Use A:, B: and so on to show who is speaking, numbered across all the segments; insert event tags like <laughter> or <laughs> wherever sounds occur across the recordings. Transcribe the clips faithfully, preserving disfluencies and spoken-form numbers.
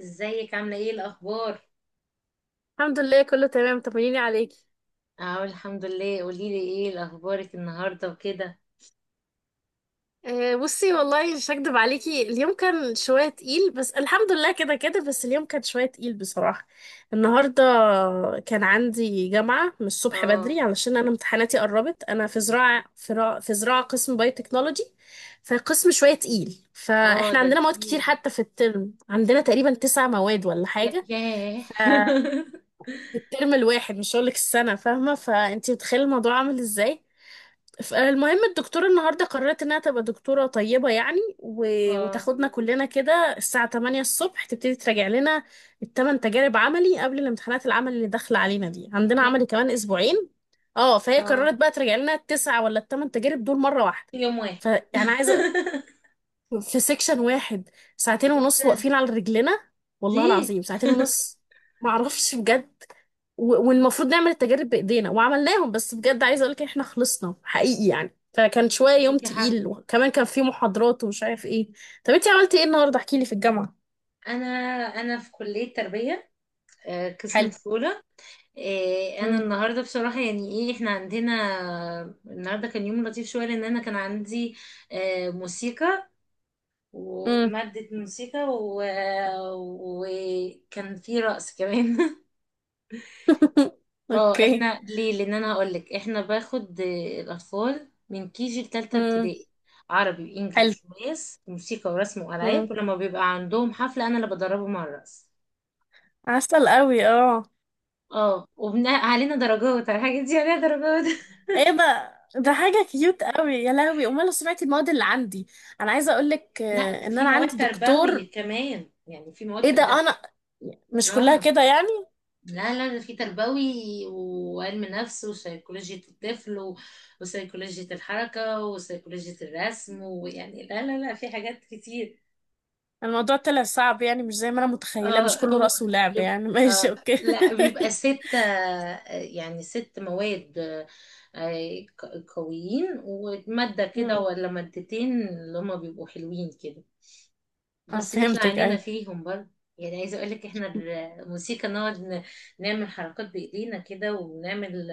A: ازيك؟ عاملة ايه الأخبار؟
B: الحمد لله، كله تمام. طمنيني عليكي.
A: اه، الحمد لله. قوليلي ايه الأخبارك النهاردة وكده.
B: أه، بصي والله مش هكدب عليكي، اليوم كان شوية تقيل. بس الحمد لله، كده كده. بس اليوم كان شوية تقيل بصراحة النهاردة. كان عندي جامعة من الصبح
A: اه.
B: بدري، علشان أنا امتحاناتي قربت. أنا في زراعة، في, را- في زراعة قسم باي تكنولوجي. فقسم شوية تقيل،
A: اه،
B: فإحنا
A: ده
B: عندنا مواد كتير.
A: تقيل.
B: حتى في الترم عندنا تقريبا تسع مواد ولا
A: يا-
B: حاجة.
A: ياه.
B: ففي
A: <laughs>
B: الترم الواحد، مش هقولك السنة، فاهمة؟ فأنتي متخيلة الموضوع عامل ازاي. فالمهم الدكتورة النهاردة قررت انها تبقى دكتورة طيبة يعني، و...
A: اه.
B: وتاخدنا كلنا كده الساعة ثمانية الصبح، تبتدي تراجع لنا الثمان تجارب عملي قبل الامتحانات العمل اللي داخلة علينا دي. عندنا
A: يا-
B: عملي كمان اسبوعين. اه، فهي قررت
A: اه،
B: بقى تراجع لنا التسعة ولا الثمان تجارب دول مرة واحدة.
A: في يوم واحد.
B: فيعني عايزة
A: <laughs>
B: في سيكشن واحد، ساعتين
A: ايه
B: ونص
A: ده؟
B: واقفين على رجلنا. والله
A: ليه؟
B: العظيم ساعتين ونص، معرفش بجد. و- والمفروض نعمل التجارب بايدينا، وعملناهم. بس بجد عايزه اقول لك احنا خلصنا حقيقي يعني. فكان شويه يوم
A: ليكي حق.
B: تقيل، وكمان كان في محاضرات ومش عارف ايه. طب انتي عملتي ايه النهارده؟ احكي لي في الجامعه.
A: انا انا في كلية تربية. آه، قسم
B: حلو.
A: طفولة. آه، انا
B: امم.
A: النهارده بصراحه، يعني ايه احنا عندنا. النهارده كان يوم لطيف شويه لان انا كان عندي آه، موسيقى
B: امم.
A: ومادة موسيقى و... وكان في رقص كمان. <laughs>
B: <laughs>
A: اه،
B: اوكي.
A: احنا ليه؟ لان انا هقولك، احنا باخد الاطفال من كيجي لتالتة
B: امم.
A: ابتدائي: عربي
B: حلو.
A: وانجليش وماس وموسيقى ورسم والعاب،
B: امم.
A: ولما بيبقى عندهم حفلة انا اللي بدربهم على الرقص.
B: عسل قوي، اه.
A: اه، وبناء علينا درجات، على الحاجات دي عليها درجات.
B: ايه بقى؟ ده حاجة كيوت قوي يا لهوي. امال لو سمعتي المواد اللي عندي. انا عايزة اقولك
A: <laughs> لا،
B: آه، ان
A: في
B: انا
A: مواد
B: عندي
A: تربوي
B: دكتور.
A: كمان، يعني في
B: ايه ده؟
A: مواد ده.
B: انا مش كلها
A: اه.
B: كده يعني.
A: لا لا، ده في تربوي وعلم نفس وسيكولوجية الطفل و- وسيكولوجية الحركة وسيكولوجية الرسم، ويعني لا لا لا، في حاجات كتير.
B: الموضوع طلع صعب يعني، مش زي ما انا متخيلة. مش
A: اه،
B: كله
A: هو
B: رأس ولعب
A: بيبقى،
B: يعني. <laughs>
A: آه
B: ماشي، اوكي.
A: لا، بيبقى ستة، آه، يعني ست مواد. آه، ق- قويين، ومادة
B: <laughs>
A: كده
B: مم.
A: ولا مادتين اللي هما بيبقوا حلوين كده،
B: اه،
A: بس بيطلع
B: فهمتك
A: عينينا
B: اي.
A: فيهم برضه. يعني عايزة اقولك، احنا الموسيقى نقعد، ن- نعمل حركات بايدينا كده، ونعمل،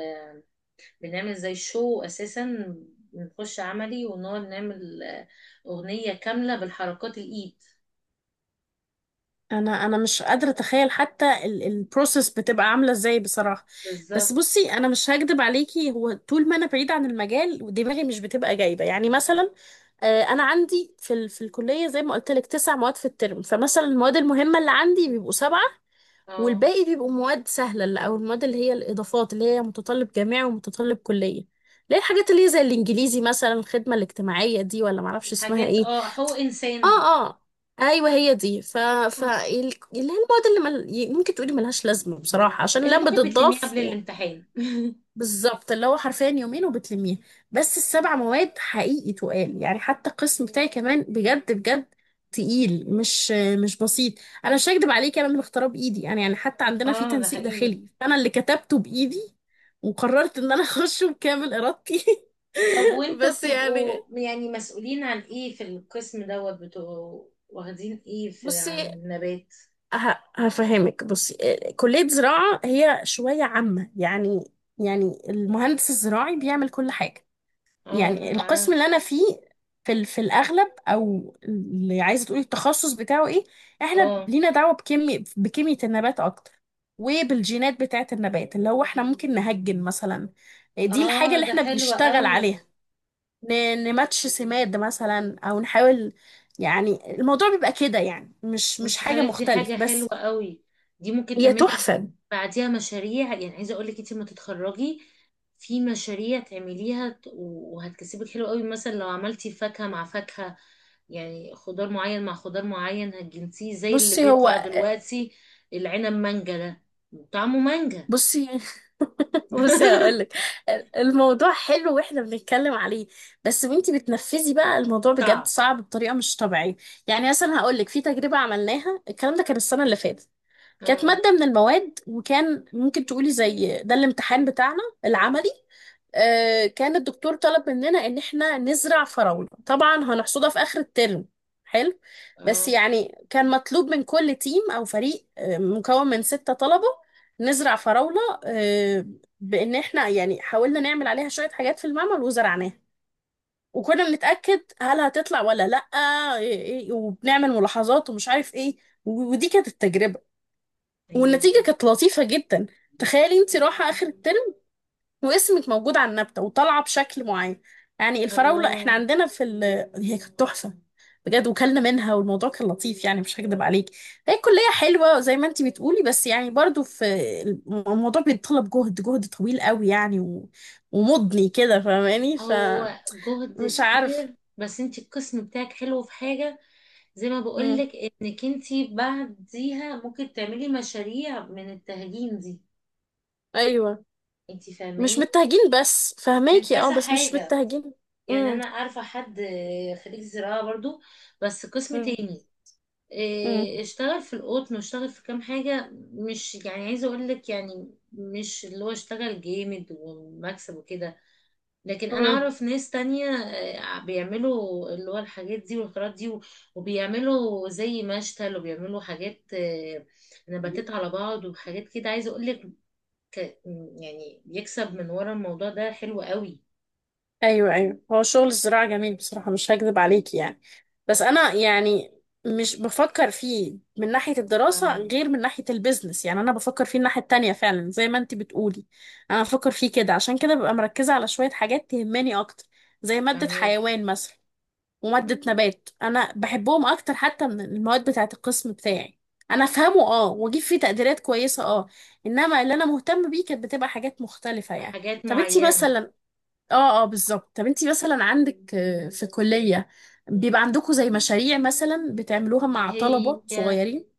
A: بنعمل زي شو اساسا. بنخش عملي ونقعد نعمل آه، اغنية كاملة بالحركات الايد.
B: انا انا مش قادره اتخيل حتى البروسيس بتبقى عامله ازاي بصراحه. بس
A: بالظبط.
B: بصي، انا مش هكدب عليكي، هو طول ما انا بعيده عن المجال دماغي مش بتبقى جايبه. يعني مثلا، آه، انا عندي في ال... في الكليه، زي ما قلت لك، تسع مواد في الترم. فمثلا المواد المهمه اللي عندي بيبقوا سبعه.
A: اه،
B: والباقي بيبقوا مواد سهله، اللي- او المواد اللي هي الاضافات، اللي هي متطلب جامعي ومتطلب كليه. ليه الحاجات اللي هي زي الانجليزي مثلا، الخدمه الاجتماعيه دي، ولا معرفش اسمها
A: الحاجات.
B: ايه.
A: اه، هو انسان.
B: اه، اه. ايوه، هي دي. ف ف
A: آه.
B: ال- اللي هي المواد اللي مل... ي- ممكن تقولي ملهاش لازمه بصراحه، عشان
A: اللي
B: لما
A: ممكن بتلميه
B: بتضاف
A: قبل
B: و...
A: الامتحان.
B: بالظبط، اللي هو حرفيا يومين وبتلميها. بس السبع مواد حقيقي تقال يعني. حتى القسم بتاعي كمان، بجد بجد تقيل، مش مش بسيط. انا مش هكدب عليك، انا اللي مختاره بايدي يعني يعني حتى
A: <laughs>
B: عندنا في
A: اه، ده
B: تنسيق
A: حقيقي.
B: داخلي، انا اللي كتبته بايدي. وقررت ان انا <laughs> اخشه بكامل ارادتي.
A: طب
B: <laughs>
A: وانتوا
B: بس
A: بتبقوا
B: يعني
A: يعني مسؤولين عن ايه في القسم دوت؟ بتبقوا واخدين ايه في،
B: بصي،
A: عن النبات؟
B: ه- هفهمك. بصي، آه، كلية زراعة هي شوية عامة يعني. يعني المهندس الزراعي بيعمل كل حاجة.
A: اه
B: يعني
A: من
B: القسم
A: عن-
B: اللي أنا فيه، في ال- في الأغلب، أو اللي عايزة تقولي التخصص بتاعه إيه، إحنا
A: اه
B: لينا دعوة بكيمياء بكيمياء النبات أكتر. وبالجينات بتاعة النبات. اللي هو إحنا ممكن نهجن مثلا. آه، دي الحاجة
A: اه،
B: اللي
A: ده
B: إحنا
A: حلو
B: بنشتغل
A: قوي.
B: عليها. ن- نماتش سماد مثلا، أو نحاول. يعني الموضوع بيبقى كده يعني، مش مش
A: بس
B: حاجة
A: خلي بالك، دي حاجة
B: مختلف
A: حلوة
B: بس.
A: قوي. دي ممكن
B: هي
A: تعملي
B: تحفة.
A: بعديها مشاريع. يعني عايزة اقول لك، انت لما تتخرجي في مشاريع تعمليها، ت- وهتكسبك حلو قوي. مثلا لو عملتي فاكهة مع فاكهة، يعني خضار معين مع خضار معين، هتجنسيه زي اللي
B: بصي هو
A: بيطلع دلوقتي، العنب مانجا ده، طعمه مانجا.
B: بصي. <laughs> بصي هقولك،
A: <laughs>
B: الموضوع حلو واحنا بنتكلم عليه. بس وانتي بتنفذي بقى، الموضوع بجد
A: صعب.
B: صعب بطريقة مش طبيعية. يعني مثلا هقولك، في تجربة عملناها، الكلام ده كان السنة اللي فاتت. كانت
A: اه
B: مادة من المواد، وكان ممكن تقولي زي ده الامتحان بتاعنا العملي. آه، كان الدكتور طلب مننا ان احنا نزرع فراولة، طبعا هنحصدها في اخر الترم. حلو. بس
A: اه،
B: يعني كان مطلوب من كل تيم او فريق آه، مكون من ستة طلبة، نزرع فراولة. آه، بان احنا يعني حاولنا نعمل عليها شوية حاجات في المعمل، وزرعناها. وكنا بنتأكد هل هتطلع ولا لأ. إيه- إيه، وبنعمل ملاحظات ومش عارف ايه. و- ودي كانت التجربة.
A: ايوه.
B: والنتيجة كانت لطيفة جدا. تخيلي انت رايحة آخر الترم، واسمك موجود على النبتة وطالعة بشكل معين. يعني الفراولة احنا
A: الله.
B: عندنا في ال... هي كانت تحفة بجد، وكلنا منها، والموضوع كان لطيف يعني. مش هكدب عليك، هي الكلية حلوة زي ما انت بتقولي، بس يعني برضو في الم- الموضوع بيتطلب جهد، جهد طويل قوي يعني. و... ومضني كده، فاهماني؟
A: هو
B: فمش
A: جهد
B: عارف.
A: كتير، بس انت القسم بتاعك حلو في حاجة، زي ما
B: مم.
A: بقولك انك انتي بعديها ممكن تعملي مشاريع من التهجين دي.
B: ايوه،
A: انتي
B: مش
A: فاهماني،
B: متهجين. بس
A: من
B: فهماكي، اه،
A: كذا
B: بس مش
A: حاجة.
B: متهجين.
A: يعني انا عارفة حد آه، خريج زراعة برضو، بس قسم
B: امم.
A: تاني. آه، اشتغل في القطن، واشتغل في كام حاجة. مش يعني عايزة اقولك، يعني مش اللي هو اشتغل جامد ومكسب وكده، لكن انا
B: امم.
A: اعرف ناس تانية آه، بيعملوا اللي هو الحاجات دي والحاجات دي، و- وبيعملوا زي مشتل، وبيعملوا حاجات آه، نباتات على بعض وحاجات كده. عايزة اقول لك، يعني بيكسب من ورا الموضوع ده حلو قوي.
B: ايوه، ايوه. هو شغل الزراعه جميل بصراحه، مش هكذب عليك يعني. بس انا يعني مش بفكر فيه من ناحيه الدراسه،
A: فاهمك.
B: غير من ناحيه البيزنس. يعني انا بفكر فيه الناحيه التانية فعلا، زي ما انت بتقولي. انا بفكر فيه كده، عشان كده ببقى مركزه على شويه حاجات تهمني اكتر. زي ماده
A: فاهمك،
B: حيوان مثلا، وماده نبات، انا بحبهم اكتر حتى من المواد بتاعه القسم بتاعي. انا افهمه اه، واجيب فيه تقديرات كويسه اه. انما اللي انا مهتم بيه كانت بتبقى حاجات مختلفه يعني.
A: حاجات
B: طب انتي
A: معينة.
B: مثلا، اه اه، بالظبط. طب انتي مثلا عندك آه، في كلية، بيبقى عندكم زي مشاريع مثلا بتعملوها مع
A: هي
B: طلبة صغيرين؟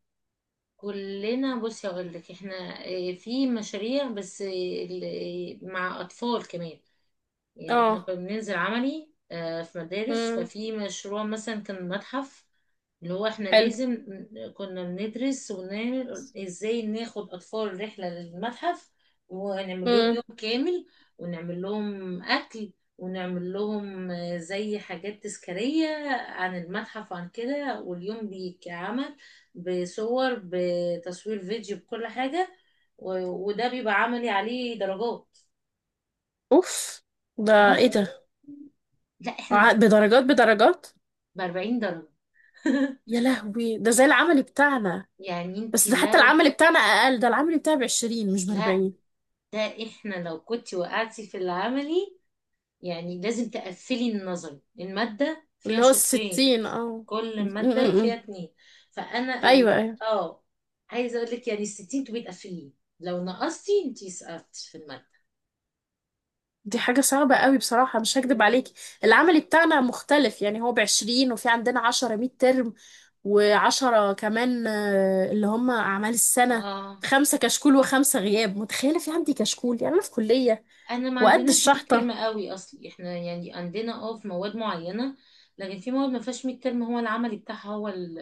A: كلنا، بصي اقول لك، احنا آه، في مشاريع، بس آه، ال- آه، مع اطفال كمان. يعني احنا
B: اه.
A: كنا بننزل عملي آه، في مدارس،
B: امم.
A: ففي مشروع مثلا كان متحف، اللي هو احنا
B: حلو.
A: لازم، ن- كنا بندرس، ونعمل ازاي ناخد اطفال رحلة للمتحف، ونعمل لهم
B: امم.
A: يوم كامل، ونعمل لهم اكل، ونعمل لهم آه، زي حاجات تذكارية عن المتحف وعن كده، واليوم بيتعمل بصور، بتصوير فيديو، بكل حاجة. و- وده بيبقى عملي عليه درجات.
B: اوف، ده ايه
A: اه،
B: ده؟
A: لا، احنا
B: ع- بدرجات؟ بدرجات؟
A: ب أربعين درجة. <laughs>
B: يا لهوي، ده زي العمل بتاعنا.
A: يعني
B: بس
A: انتي
B: ده حتى
A: لو،
B: العمل بتاعنا اقل، ده العمل بتاعي ب عشرين مش ب
A: لا،
B: أربعين.
A: ده احنا لو كنتي وقعتي في العملي، يعني لازم تقفلي النظري، المادة فيها
B: اللي هو
A: شقين،
B: الستين، اه. م-
A: كل مادة
B: م-
A: فيها
B: م.
A: اتنين. فانا ال...
B: ايوه، ايوه.
A: اه، عايزة اقول لك، يعني الستين تبقي تقفليه، لو نقصتي انتي سقطت في المادة.
B: دي حاجة صعبة قوي بصراحة، مش هكدب عليكي. العمل بتاعنا مختلف يعني، هو بعشرين، وفي عندنا عشرة ميد ترم. وعشرة كمان آه، اللي هم أعمال السنة.
A: اه،
B: خمسة كشكول وخمسة غياب. متخيلة في عندي كشكول؟ يعني أنا في كلية
A: انا ما
B: وقد
A: عندناش ميد ترم
B: الشحطة.
A: قوي اصلي، احنا يعني عندنا، اه، في مواد معينة، لكن في مواد ما فيهاش ميد ترم، هو العملي بتاعها هو ال-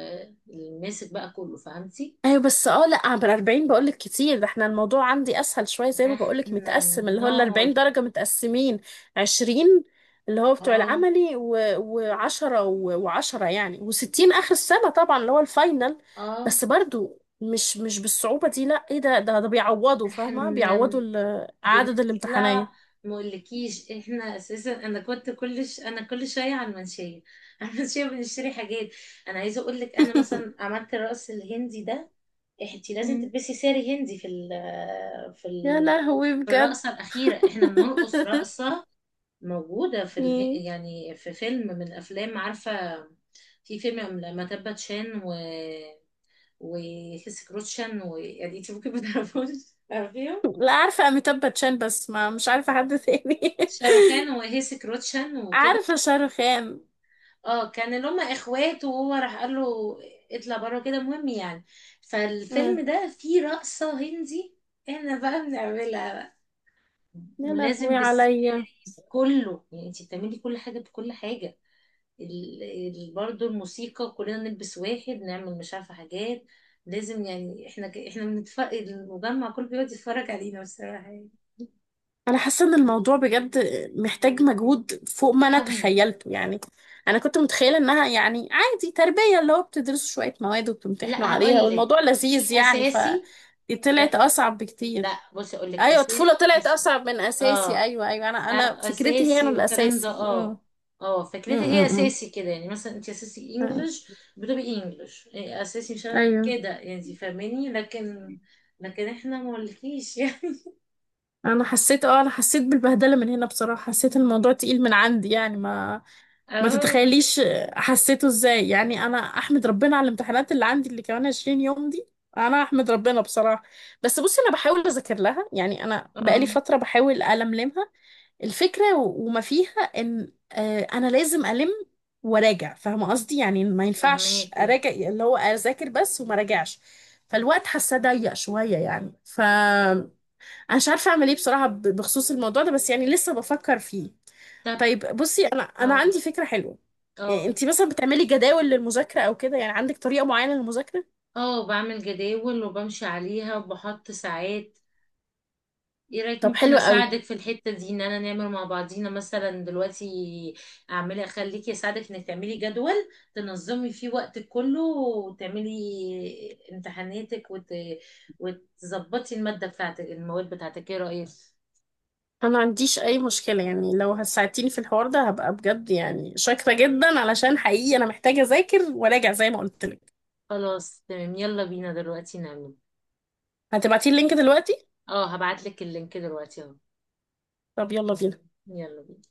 A: الماسك بقى كله، فهمتي؟
B: ايوه بس اه، لا، عبر أربعين بقولك كتير. ده احنا الموضوع عندي اسهل شويه، زي
A: ده
B: ما بقولك
A: احنا
B: متقسم. اللي هو ال الأربعين
A: بنقعد،
B: درجه متقسمين، عشرين اللي هو بتوع
A: اه
B: العملي، و10 و10 يعني. و60 اخر السنه طبعا، اللي هو الفاينل.
A: اه،
B: بس برضو مش مش بالصعوبه دي، لا. ايه ده ده ده بيعوضوا،
A: ده احنا،
B: فاهمه؟
A: بن-
B: بيعوضوا ال- عدد
A: بنطلع.
B: الامتحانات.
A: مقولكيش احنا اساسا، انا كنت كل ش... انا كل شويه على المنشيه، <laughs> على المنشيه بنشتري حاجات. انا عايزه اقول لك، انا مثلا
B: <laughs>
A: عملت الرقص الهندي ده، انت لازم
B: مم.
A: تلبسي ساري هندي في ال... في
B: يا
A: ال...
B: لهوي،
A: في
B: بجد.
A: الرقصه الاخيره احنا
B: <laughs>
A: بنرقص رقصه موجوده في اله...
B: مم.
A: يعني في فيلم من افلام، عارفه، في فيلم لما تبت شان و وهيسي كروتشن. ويعني انت ممكن ما تعرفوش، عارفيهم،
B: لا، عارفه اميتاب باتشان، بس ما مش عارفه حد تاني. <laughs>
A: شاروخان وهيسي كروتشان وكده.
B: عارفة شاروخان.
A: اه، كان اللي هم اخوات، وهو راح قال له اطلع بره كده، مهم يعني. فالفيلم
B: امم.
A: ده فيه رقصة هندي، احنا بقى بنعملها بقى،
B: يا
A: ولازم
B: لهوي عليا.
A: بالساري. كله، يعني انت بتعملي كل حاجة بكل حاجة. ال... ال... برضه الموسيقى كلنا نلبس واحد، نعمل مش عارفة حاجات. لازم يعني احنا، ك... احنا بنتفرج، المجمع كله بيقعد يتفرج علينا بصراحة، يعني
B: انا حاسة ان الموضوع بجد محتاج مجهود فوق ما انا
A: قوي.
B: تخيلته يعني. انا كنت متخيلة انها يعني عادي تربية، اللي هو بتدرسوا شوية مواد وبتمتحنوا
A: لا،
B: عليها
A: هقول لك،
B: والموضوع
A: دي
B: لذيذ يعني ف
A: اساسي.
B: طلعت
A: لا
B: اصعب بكتير.
A: لا، بصي اقول لك
B: ايوه، الطفولة
A: اساسي
B: طلعت
A: بس.
B: اصعب من
A: اه،
B: اساسي. ايوه، ايوه. انا انا
A: آه،
B: فكرتي هي انا
A: اساسي، والكلام ده.
B: الاساسي. امم.
A: اه، اه، فكرتي هي
B: امم.
A: اساسي كده، يعني مثلا انت اساسي
B: امم.
A: انجلش، بتبقي انجلش، إيه، اساسي، مش عارف-
B: ايوه.
A: كده، يعني انت فاهماني، لكن لكن احنا مولكيش يعني. <laughs>
B: انا حسيت اه انا حسيت بالبهدلة من هنا بصراحة. حسيت الموضوع تقيل من عندي يعني، ما ما
A: اه
B: تتخيليش حسيته ازاي يعني. انا احمد ربنا على الامتحانات اللي عندي، اللي كمان عشرين يوم دي. انا احمد ربنا بصراحه. بس بصي انا بحاول اذاكر لها يعني، انا بقالي
A: اه،
B: فتره بحاول الملمها. الفكره و- وما فيها، ان آه، انا لازم الم وراجع، فاهمه قصدي؟ يعني ما ينفعش
A: فاهماكي.
B: اراجع اللي هو اذاكر بس وما راجعش. فالوقت حاسه ضيق شويه يعني. ف انا مش عارفه اعمل ايه بصراحه ب- بخصوص الموضوع ده، بس يعني لسه بفكر فيه.
A: طب،
B: طيب بصي، انا انا
A: اه
B: عندي فكره حلوه. يعني
A: اه
B: انت مثلا بتعملي جداول للمذاكره او كده؟ يعني عندك طريقه معينه للمذاكره؟
A: اه، بعمل جداول وبمشي عليها وبحط ساعات. ايه رايك،
B: طب
A: ممكن
B: حلو قوي.
A: اساعدك في الحته دي، ان انا نعمل مع بعضينا مثلا دلوقتي؟ اعملي، اخليكي اساعدك انك تعملي جدول، تنظمي فيه وقتك كله، وتعملي امتحاناتك، وت... وتظبطي الماده بتاعتك، المواد بتاعتك، ايه رايك؟
B: انا ما عنديش اي مشكله يعني. لو هساعدتيني في الحوار ده، هبقى بجد يعني شاكره جدا، علشان حقيقي انا محتاجه اذاكر وراجع زي ما قلت لك.
A: خلاص، تمام، يلا بينا دلوقتي نعمل.
B: هتبعتي اللينك دلوقتي؟
A: اه، هبعت لك اللينك دلوقتي اهو.
B: طب يلا بينا.
A: يلا بينا.